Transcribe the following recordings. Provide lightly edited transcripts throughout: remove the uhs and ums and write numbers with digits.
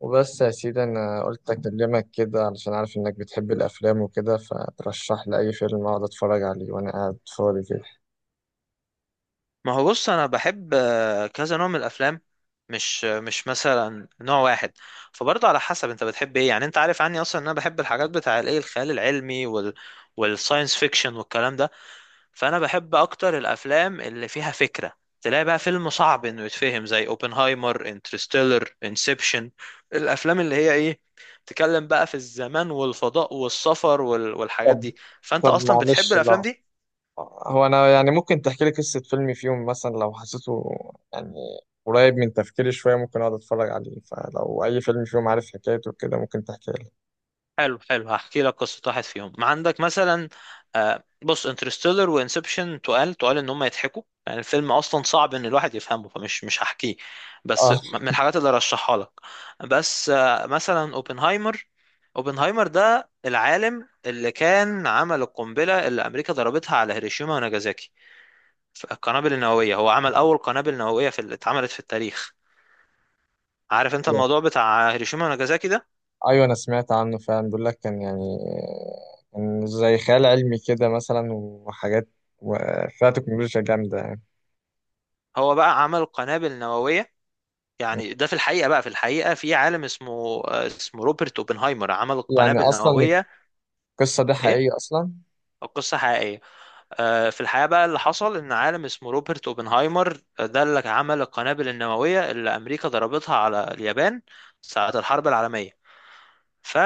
وبس يا سيدي، انا قلت اكلمك كده علشان عارف انك بتحب الافلام وكده، فترشح لي اي فيلم اقعد اتفرج عليه وانا قاعد فاضي كده. ما هو بص انا بحب كذا نوع من الافلام. مش مثلا نوع واحد. فبرضه على حسب انت بتحب ايه، يعني انت عارف عني اصلا ان انا بحب الحاجات بتاع الايه، الخيال العلمي والساينس فيكشن والكلام ده. فانا بحب اكتر الافلام اللي فيها فكرة. تلاقي بقى فيلم صعب انه يتفهم زي اوبنهايمر، انترستيلر، انسبشن. الافلام اللي هي ايه، بتتكلم بقى في الزمان والفضاء والسفر والحاجات طب دي. فانت طب اصلا بتحب معلش. الافلام لا، دي. هو انا يعني ممكن تحكي لي قصة فيلم فيهم مثلا لو حسيته يعني قريب من تفكيري شوية ممكن اقعد اتفرج عليه، فلو اي فيلم فيهم عارف حكايته كده ممكن تحكي لي. حلو حلو، هحكي لك قصة واحد فيهم ما عندك مثلا. بص، انترستيلر وانسبشن تقال ان هم يضحكوا، يعني الفيلم اصلا صعب ان الواحد يفهمه، فمش مش هحكيه. بس اه. من الحاجات اللي رشحها لك. بس مثلا اوبنهايمر. اوبنهايمر ده العالم اللي كان عمل القنبلة اللي امريكا ضربتها على هيروشيما وناجازاكي. القنابل النووية، هو عمل اول قنابل نووية في اللي اتعملت في التاريخ. عارف انت ايوه. الموضوع بتاع هيروشيما وناجازاكي ده. أيوة، انا سمعت عنه فعلا، بيقول لك كان يعني كان زي خيال علمي كده مثلا وحاجات وفيها تكنولوجيا جامدة يعني. هو بقى عمل قنابل نووية، يعني ده في الحقيقة بقى، في الحقيقة في عالم اسمه روبرت اوبنهايمر عمل يعني القنابل اصلا النووية. القصه دي ايه، حقيقيه اصلا؟ قصة حقيقية. في الحقيقة بقى، اللي حصل ان عالم اسمه روبرت اوبنهايمر ده اللي عمل القنابل النووية اللي امريكا ضربتها على اليابان ساعة الحرب العالمية. ف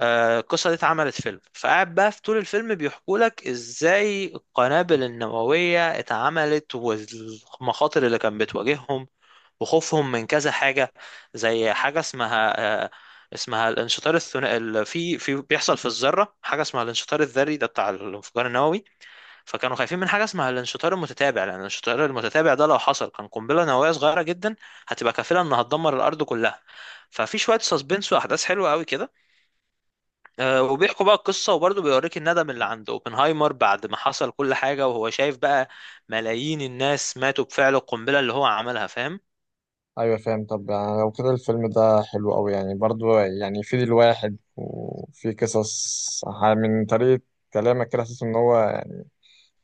القصة دي اتعملت فيلم، فقاعد بقى في طول الفيلم بيحكوا لك ازاي القنابل النووية اتعملت والمخاطر اللي كانت بتواجههم وخوفهم من كذا حاجة. زي حاجة اسمها اسمها الانشطار الثنائي. في بيحصل في الذرة حاجة اسمها الانشطار الذري، ده بتاع الانفجار النووي. فكانوا خايفين من حاجة اسمها الانشطار المتتابع، لأن الانشطار المتتابع ده لو حصل كان قنبلة نووية صغيرة جدا هتبقى كافلة إنها تدمر الأرض كلها. ففي شوية سسبنس وأحداث حلوة قوي كده. وبيحكوا بقى القصة، وبرضه بيوريك الندم اللي عند اوبنهايمر بعد ما حصل كل حاجة، وهو شايف بقى ملايين الناس ماتوا بفعل القنبلة اللي هو عملها، فاهم؟ ايوه فاهم. طب يعني لو كده الفيلم ده حلو قوي يعني، برضو يعني يفيد الواحد وفي قصص من طريقه كلامك كده حاسس ان هو يعني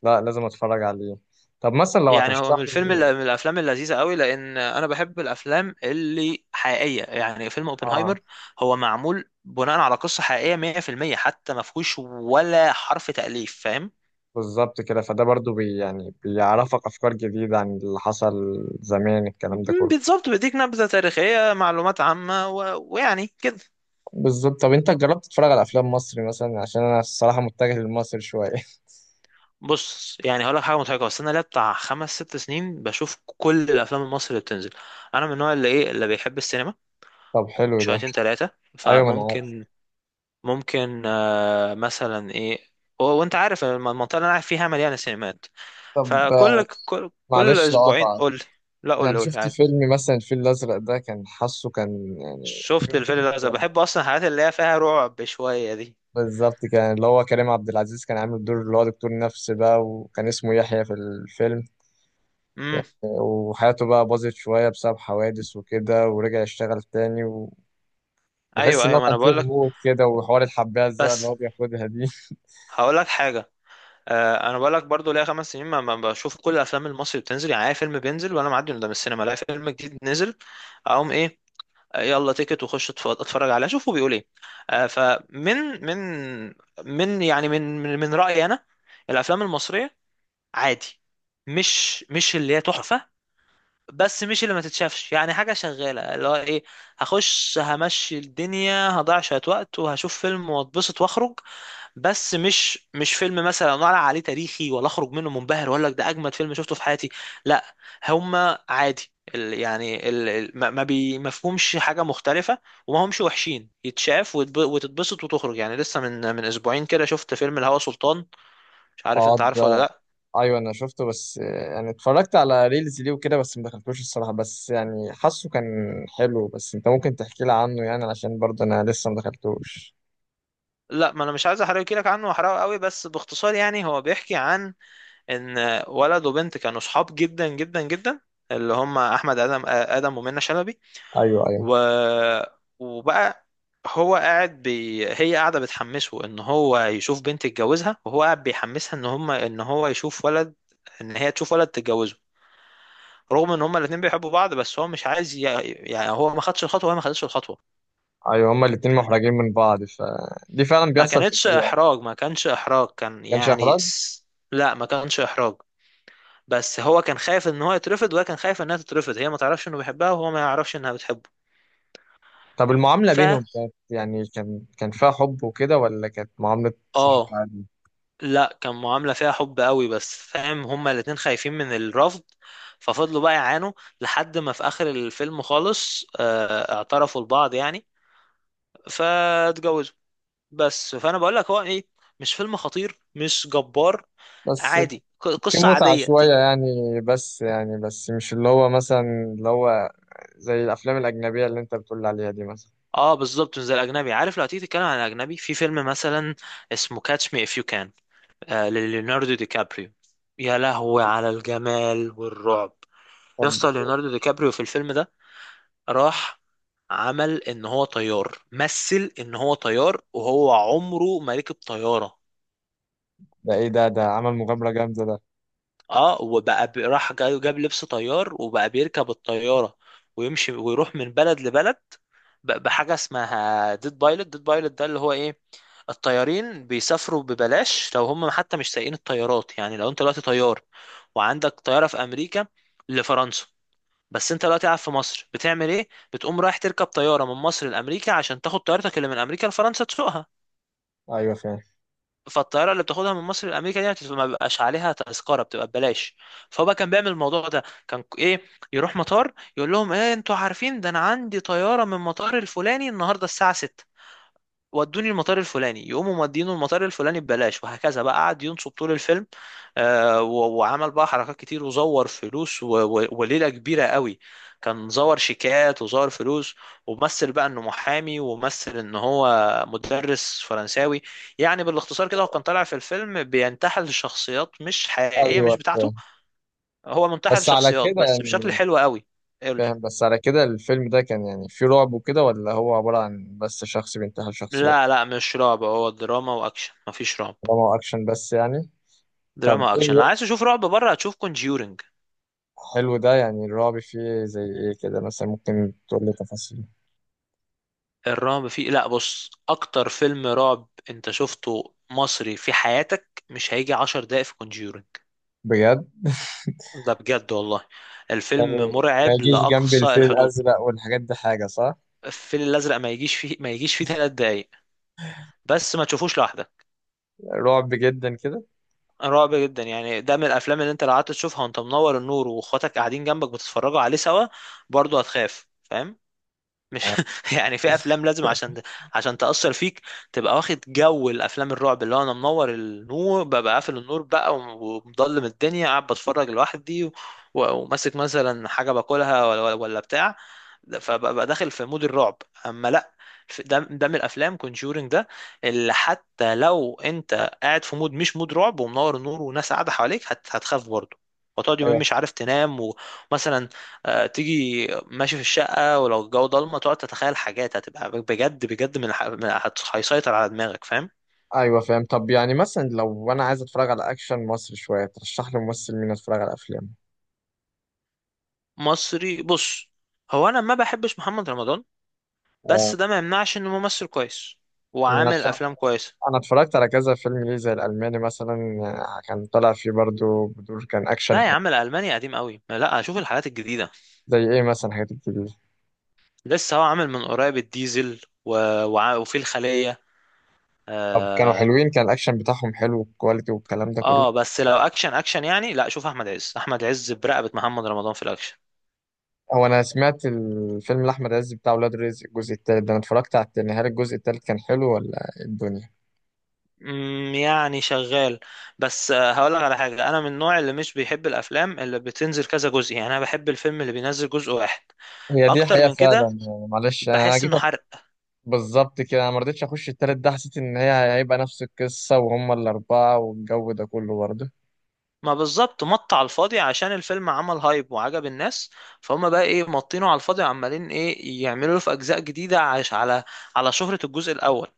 لا، لازم اتفرج عليه. طب مثلا لو يعني هو هترشح من الفيلم لي. اللي من الافلام اللذيذه قوي، لان انا بحب الافلام اللي حقيقيه. يعني فيلم اه، اوبنهايمر هو معمول بناء على قصه حقيقيه 100%، حتى ما فيهوش ولا حرف تاليف، فاهم؟ بالظبط كده. فده برضو يعني بيعرفك افكار جديده عن اللي حصل زمان، الكلام ده كله. بالظبط، بيديك نبذه تاريخيه، معلومات عامه ويعني كده. بالظبط. طب انت جربت تتفرج على افلام مصري مثلا؟ عشان انا الصراحه متجه للمصري شويه. بص، يعني هقول لك حاجه مضحكه، بس انا ليا بتاع خمس ست سنين بشوف كل الافلام المصري اللي بتنزل. انا من النوع اللي ايه، اللي بيحب السينما طب حلو ده. شويتين ثلاثه. ايوه، ما انا عارف. فممكن، ممكن مثلا ايه. وانت عارف المنطقه اللي انا قاعد فيها مليانه سينمات. طب فكل كل, كل معلش اسبوعين لقطع. قول لي. لا قول يعني لي، قول لي شفت عادي. فيلم مثلا الفيل الأزرق ده؟ كان حاسه كان يعني. شفت الفيل الازرق، بحب اصلا الحاجات اللي هي فيها رعب شويه دي. بالظبط، كان اللي هو كريم عبد العزيز كان عامل دور اللي هو دكتور نفسي بقى، وكان اسمه يحيى في الفيلم امم. يعني. وحياته بقى باظت شوية بسبب حوادث وكده، ورجع يشتغل تاني، وبحس ايوه إن هو ايوه، ما كان انا فيه بقول لك. غموض كده، وحوار الحباية الزرقاء اللي بس هو بياخدها دي. هقول لك حاجه. آه انا بقول لك، برضو ليا 5 سنين ما بشوف كل الافلام المصري بتنزل، يعني اي فيلم بينزل وانا معدي قدام السينما الاقي فيلم جديد نزل، اقوم ايه، يلا تيكت وخش اتفرج عليها، شوفوا بيقول ايه. فمن من يعني من من من رأيي انا، الافلام المصرية عادي، مش اللي هي تحفة، بس مش اللي ما تتشافش. يعني حاجة شغالة اللي هو ايه، هخش همشي الدنيا، هضيع شوية وقت وهشوف فيلم واتبسط واخرج. بس مش فيلم مثلا ولا عليه تاريخي، ولا اخرج منه منبهر، ولا ده اجمد فيلم شفته في حياتي، لا. هما عادي. يعني ما فيهمش حاجة مختلفة، وما همش وحشين، يتشاف وتتبسط وتخرج. يعني لسه من اسبوعين كده شفت فيلم الهوى سلطان، مش عارف انت أقعد. عارفه ولا لا. ايوه انا شفته، بس يعني اتفرجت على ريلز ليه وكده، بس ما دخلتوش الصراحه، بس يعني حاسه كان حلو. بس انت ممكن تحكي لي عنه يعني، علشان برضه انا لسه ما دخلتوش. لا ما انا مش عايز احرق لك عنه، واحرقه قوي، بس باختصار يعني هو بيحكي عن ان ولد وبنت كانوا صحاب جدا جدا جدا، اللي هم احمد ادم ومنى شلبي. ايوه، ايوه، و... وبقى هو هي قاعده بتحمسه ان هو يشوف بنت يتجوزها، وهو قاعد بيحمسها ان هم ان هو يشوف ولد، ان هي تشوف ولد تتجوزه، رغم ان هما الاتنين بيحبوا بعض. بس هو مش عايز يعني هو ما خدش الخطوه وهي ما خدتش الخطوه. ايوه، هما الاتنين محرجين من بعض، فدي فعلا بيحصل في الحقيقه، ما ما كانش احراج، كان كانش يعني احراج. لا، ما كانش احراج، بس هو كان خايف ان هو يترفض وهي كان خايف انها تترفض، هي ما تعرفش انه بيحبها وهو ما يعرفش انها بتحبه. طب المعامله ف بينهم كانت يعني كان فيها حب وكده، ولا كانت معامله صحاب اه عادي؟ لا، كان معاملة فيها حب قوي، بس فاهم، هما الاتنين خايفين من الرفض. ففضلوا بقى يعانوا، لحد ما في اخر الفيلم خالص اعترفوا لبعض يعني، فاتجوزوا. بس فانا بقول لك هو ايه، مش فيلم خطير، مش جبار، بس عادي. في قصة متعه عادية شويه يعني، بس يعني، بس مش اللي هو مثلا، اللي هو زي الافلام الاجنبيه اللي انت بتقول عليها دي مثلا. اه بالظبط، مش زي الاجنبي. عارف لو تيجي تتكلم عن الاجنبي، في فيلم مثلا اسمه كاتش مي اف يو كان، آه لليوناردو دي كابريو، يا لهوي على الجمال والرعب. يا طب اسطى، ليوناردو دي كابريو في الفيلم ده راح عمل ان هو طيار، مثل ان هو طيار وهو عمره ما ركب طيارة. ده ايه؟ ده عمل مغامرة جامدة ده. اه، وبقى جاب لبس طيار وبقى بيركب الطيارة ويمشي ويروح من بلد لبلد بحاجة اسمها ديد بايلوت. ديد بايلوت ده اللي هو ايه، الطيارين بيسافروا ببلاش لو هم حتى مش سايقين الطيارات. يعني لو انت دلوقتي طيار وعندك طيارة في امريكا لفرنسا، بس انت دلوقتي قاعد في مصر، بتعمل ايه، بتقوم رايح تركب طيارة من مصر لامريكا عشان تاخد طيارتك اللي من امريكا لفرنسا تسوقها. ايوه فاهم. فالطياره اللي بتاخدها من مصر لامريكا دي ما بيبقاش عليها تذكره، بتبقى ببلاش. فهو بقى كان بيعمل الموضوع ده. كان ايه، يروح مطار يقول لهم ايه انتوا عارفين ده، انا عندي طياره من مطار الفلاني النهارده الساعه 6، ودوني المطار الفلاني، يقوموا مودينه المطار الفلاني ببلاش، وهكذا بقى قعد ينصب طول الفيلم. وعمل بقى حركات كتير، وزور فلوس وليلة كبيرة قوي. كان زور شيكات وزور فلوس ومثل بقى انه محامي، ومثل ان هو مدرس فرنساوي. يعني بالاختصار كده هو كان طالع في الفيلم بينتحل شخصيات مش حقيقية، ايوه مش بتاعته. فاهم، هو منتحل بس على شخصيات، كده بس بشكل يعني. حلو قوي. قول. فاهم، بس على كده الفيلم ده كان يعني فيه رعب وكده، ولا هو عبارة عن بس شخص بينتحل شخصيات؟ لا لا مش رعب، هو دراما واكشن، مفيش رعب. طالما هو اكشن بس يعني. طب دراما ايه اكشن، لو عايز تشوف رعب بره هتشوف كونجيورنج. حلو ده. يعني الرعب فيه زي ايه كده مثلا؟ ممكن تقول لي تفاصيل. الرعب فيه، لا بص، اكتر فيلم رعب انت شفته مصري في حياتك مش هيجي 10 دقايق في كونجيورنج. بجد؟ ده بجد والله، يعني الفيلم ما مرعب يجيش جنب لاقصى الفيل الحدود. الازرق والحاجات دي حاجة، صح؟ الفيل الازرق ما يجيش فيه، ما يجيش فيه 3 دقايق. بس ما تشوفوش لوحدك. رعب جدا كده. رعب جدا، يعني ده من الافلام اللي انت لو قعدت تشوفها وانت منور النور واخواتك قاعدين جنبك بتتفرجوا عليه سوا برضه هتخاف، فاهم؟ مش آه. يعني في افلام لازم عشان عشان تأثر فيك، تبقى واخد جو الافلام الرعب، اللي هو انا منور النور، ببقى قافل النور بقى ومضلم الدنيا، قاعد بتفرج لوحدي وماسك مثلا حاجة باكلها ولا بتاع. فببقى داخل في مود الرعب. اما لا، ده ده من الافلام، كونجورينج ده اللي حتى لو انت قاعد في مود مش مود رعب ومنور النور وناس قاعدة حواليك، هتخاف برضه، وتقعد يومين مش عارف تنام. ومثلا تيجي ماشي في الشقة ولو الجو ضلمة، تقعد تتخيل حاجات هتبقى بجد بجد من, الح- من هت- هيسيطر على دماغك، فاهم؟ ايوه فاهم. طب يعني مثلا لو انا عايز اتفرج على اكشن مصري شويه ترشح لي ممثل مين اتفرج على افلام؟ مصري بص، هو انا ما بحبش محمد رمضان، بس آه، ده ما يمنعش انه ممثل كويس انا وعامل اتف- افلام كويسة. أنا اتفرجت على كذا فيلم ليه زي الالماني مثلا. كان طلع فيه برضو بدور، كان اكشن لا يا حلو. عم، الالماني قديم قوي، لا اشوف الحاجات الجديدة. زي ايه مثلا؟ حاجات كتير. لسه هو عامل من قريب الديزل و... وع- وفي الخلية طب كانوا آه... حلوين؟ كان الاكشن بتاعهم حلو والكواليتي والكلام ده كله؟ اه. بس لو اكشن اكشن يعني، لا شوف احمد عز، احمد عز برقبة محمد رمضان في الاكشن. هو انا سمعت الفيلم لاحمد عز بتاع ولاد رزق الجزء التالت ده، انا اتفرجت على التاني، هل الجزء التالت كان حلو ولا إيه الدنيا؟ مم، يعني شغال. بس هقولك على حاجة، أنا من النوع اللي مش بيحب الأفلام اللي بتنزل كذا جزء، يعني أنا بحب الفيلم اللي بينزل جزء واحد. هي دي بأكتر حقيقة من كده فعلا يعني، معلش أنا بحس جيت إنه حرق. بالظبط كده، انا ما رضيتش اخش التالت ده، حسيت ان هي هيبقى نفس القصه وهم الاربعه والجو ده كله برضه. ما بالظبط، مط على الفاضي عشان الفيلم عمل هايب وعجب الناس، فهم بقى إيه مطينه على الفاضي وعمالين إيه يعملوا له في أجزاء جديدة، عش على على شهرة الجزء الأول.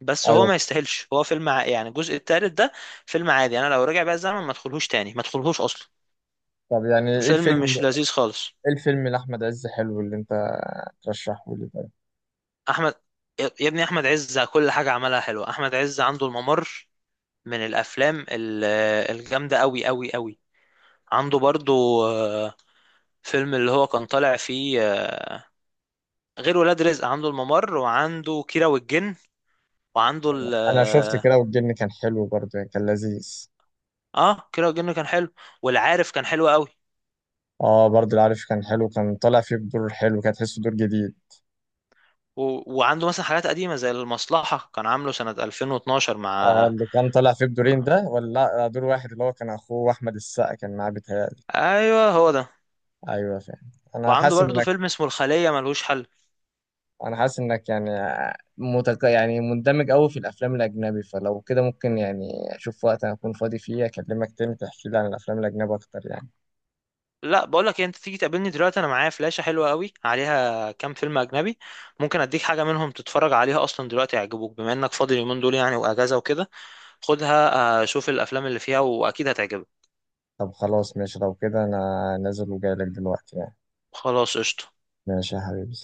بس هو ايوه. ما يستاهلش، هو فيلم يعني الجزء التالت ده فيلم عادي، أنا لو رجع بقى الزمن ما ادخلهوش تاني، ما ادخلهوش أصلا. طب يعني فيلم مش لذيذ خالص. ايه الفيلم لاحمد عز حلو اللي انت ترشحه لي طيب؟ احمد، يا ابني احمد عز كل حاجه عملها حلوه. احمد عز عنده الممر، من الافلام الجامده قوي قوي قوي. عنده برضو فيلم اللي هو كان طالع فيه غير ولاد رزق، عنده الممر وعنده كيرة والجن، وعنده ال انا شفت اه كده والجن، كان حلو برضه يعني، كان لذيذ. كيرة والجن كان حلو، والعارف كان حلو قوي. اه، برضه العارف كان حلو، كان طالع فيه بدور حلو، كان تحسه دور جديد. و... وعنده مثلا حاجات قديمه زي المصلحه، كان عامله سنه 2012 اه مع اللي كان طالع فيه بدورين مع- ده، ولا؟ لا دور واحد، اللي هو كان اخوه احمد السقا كان معاه بيتهيألي. ايوه هو ده. ايوه فاهم. انا وعنده حاسس ان برضو فيلم اسمه الخليه، ملهوش حل. انا حاسس انك يعني يعني مندمج قوي في الافلام الاجنبي، فلو كده ممكن يعني اشوف وقت انا اكون فاضي فيه اكلمك تاني تحكي لي عن الافلام الاجنبي اكتر يعني. لا بقول لك إيه، انت تيجي تقابلني دلوقتي انا معايا فلاشة حلوة قوي عليها كام فيلم اجنبي، ممكن اديك حاجة منهم تتفرج عليها اصلا دلوقتي، يعجبوك بما انك فاضي اليومين دول يعني، واجازة وكده. خدها، شوف الافلام اللي فيها واكيد هتعجبك. طب خلاص ماشي. لو كده انا نازل وجاي لك دلوقتي يعني. خلاص قشطة. ماشي يا حبيبي.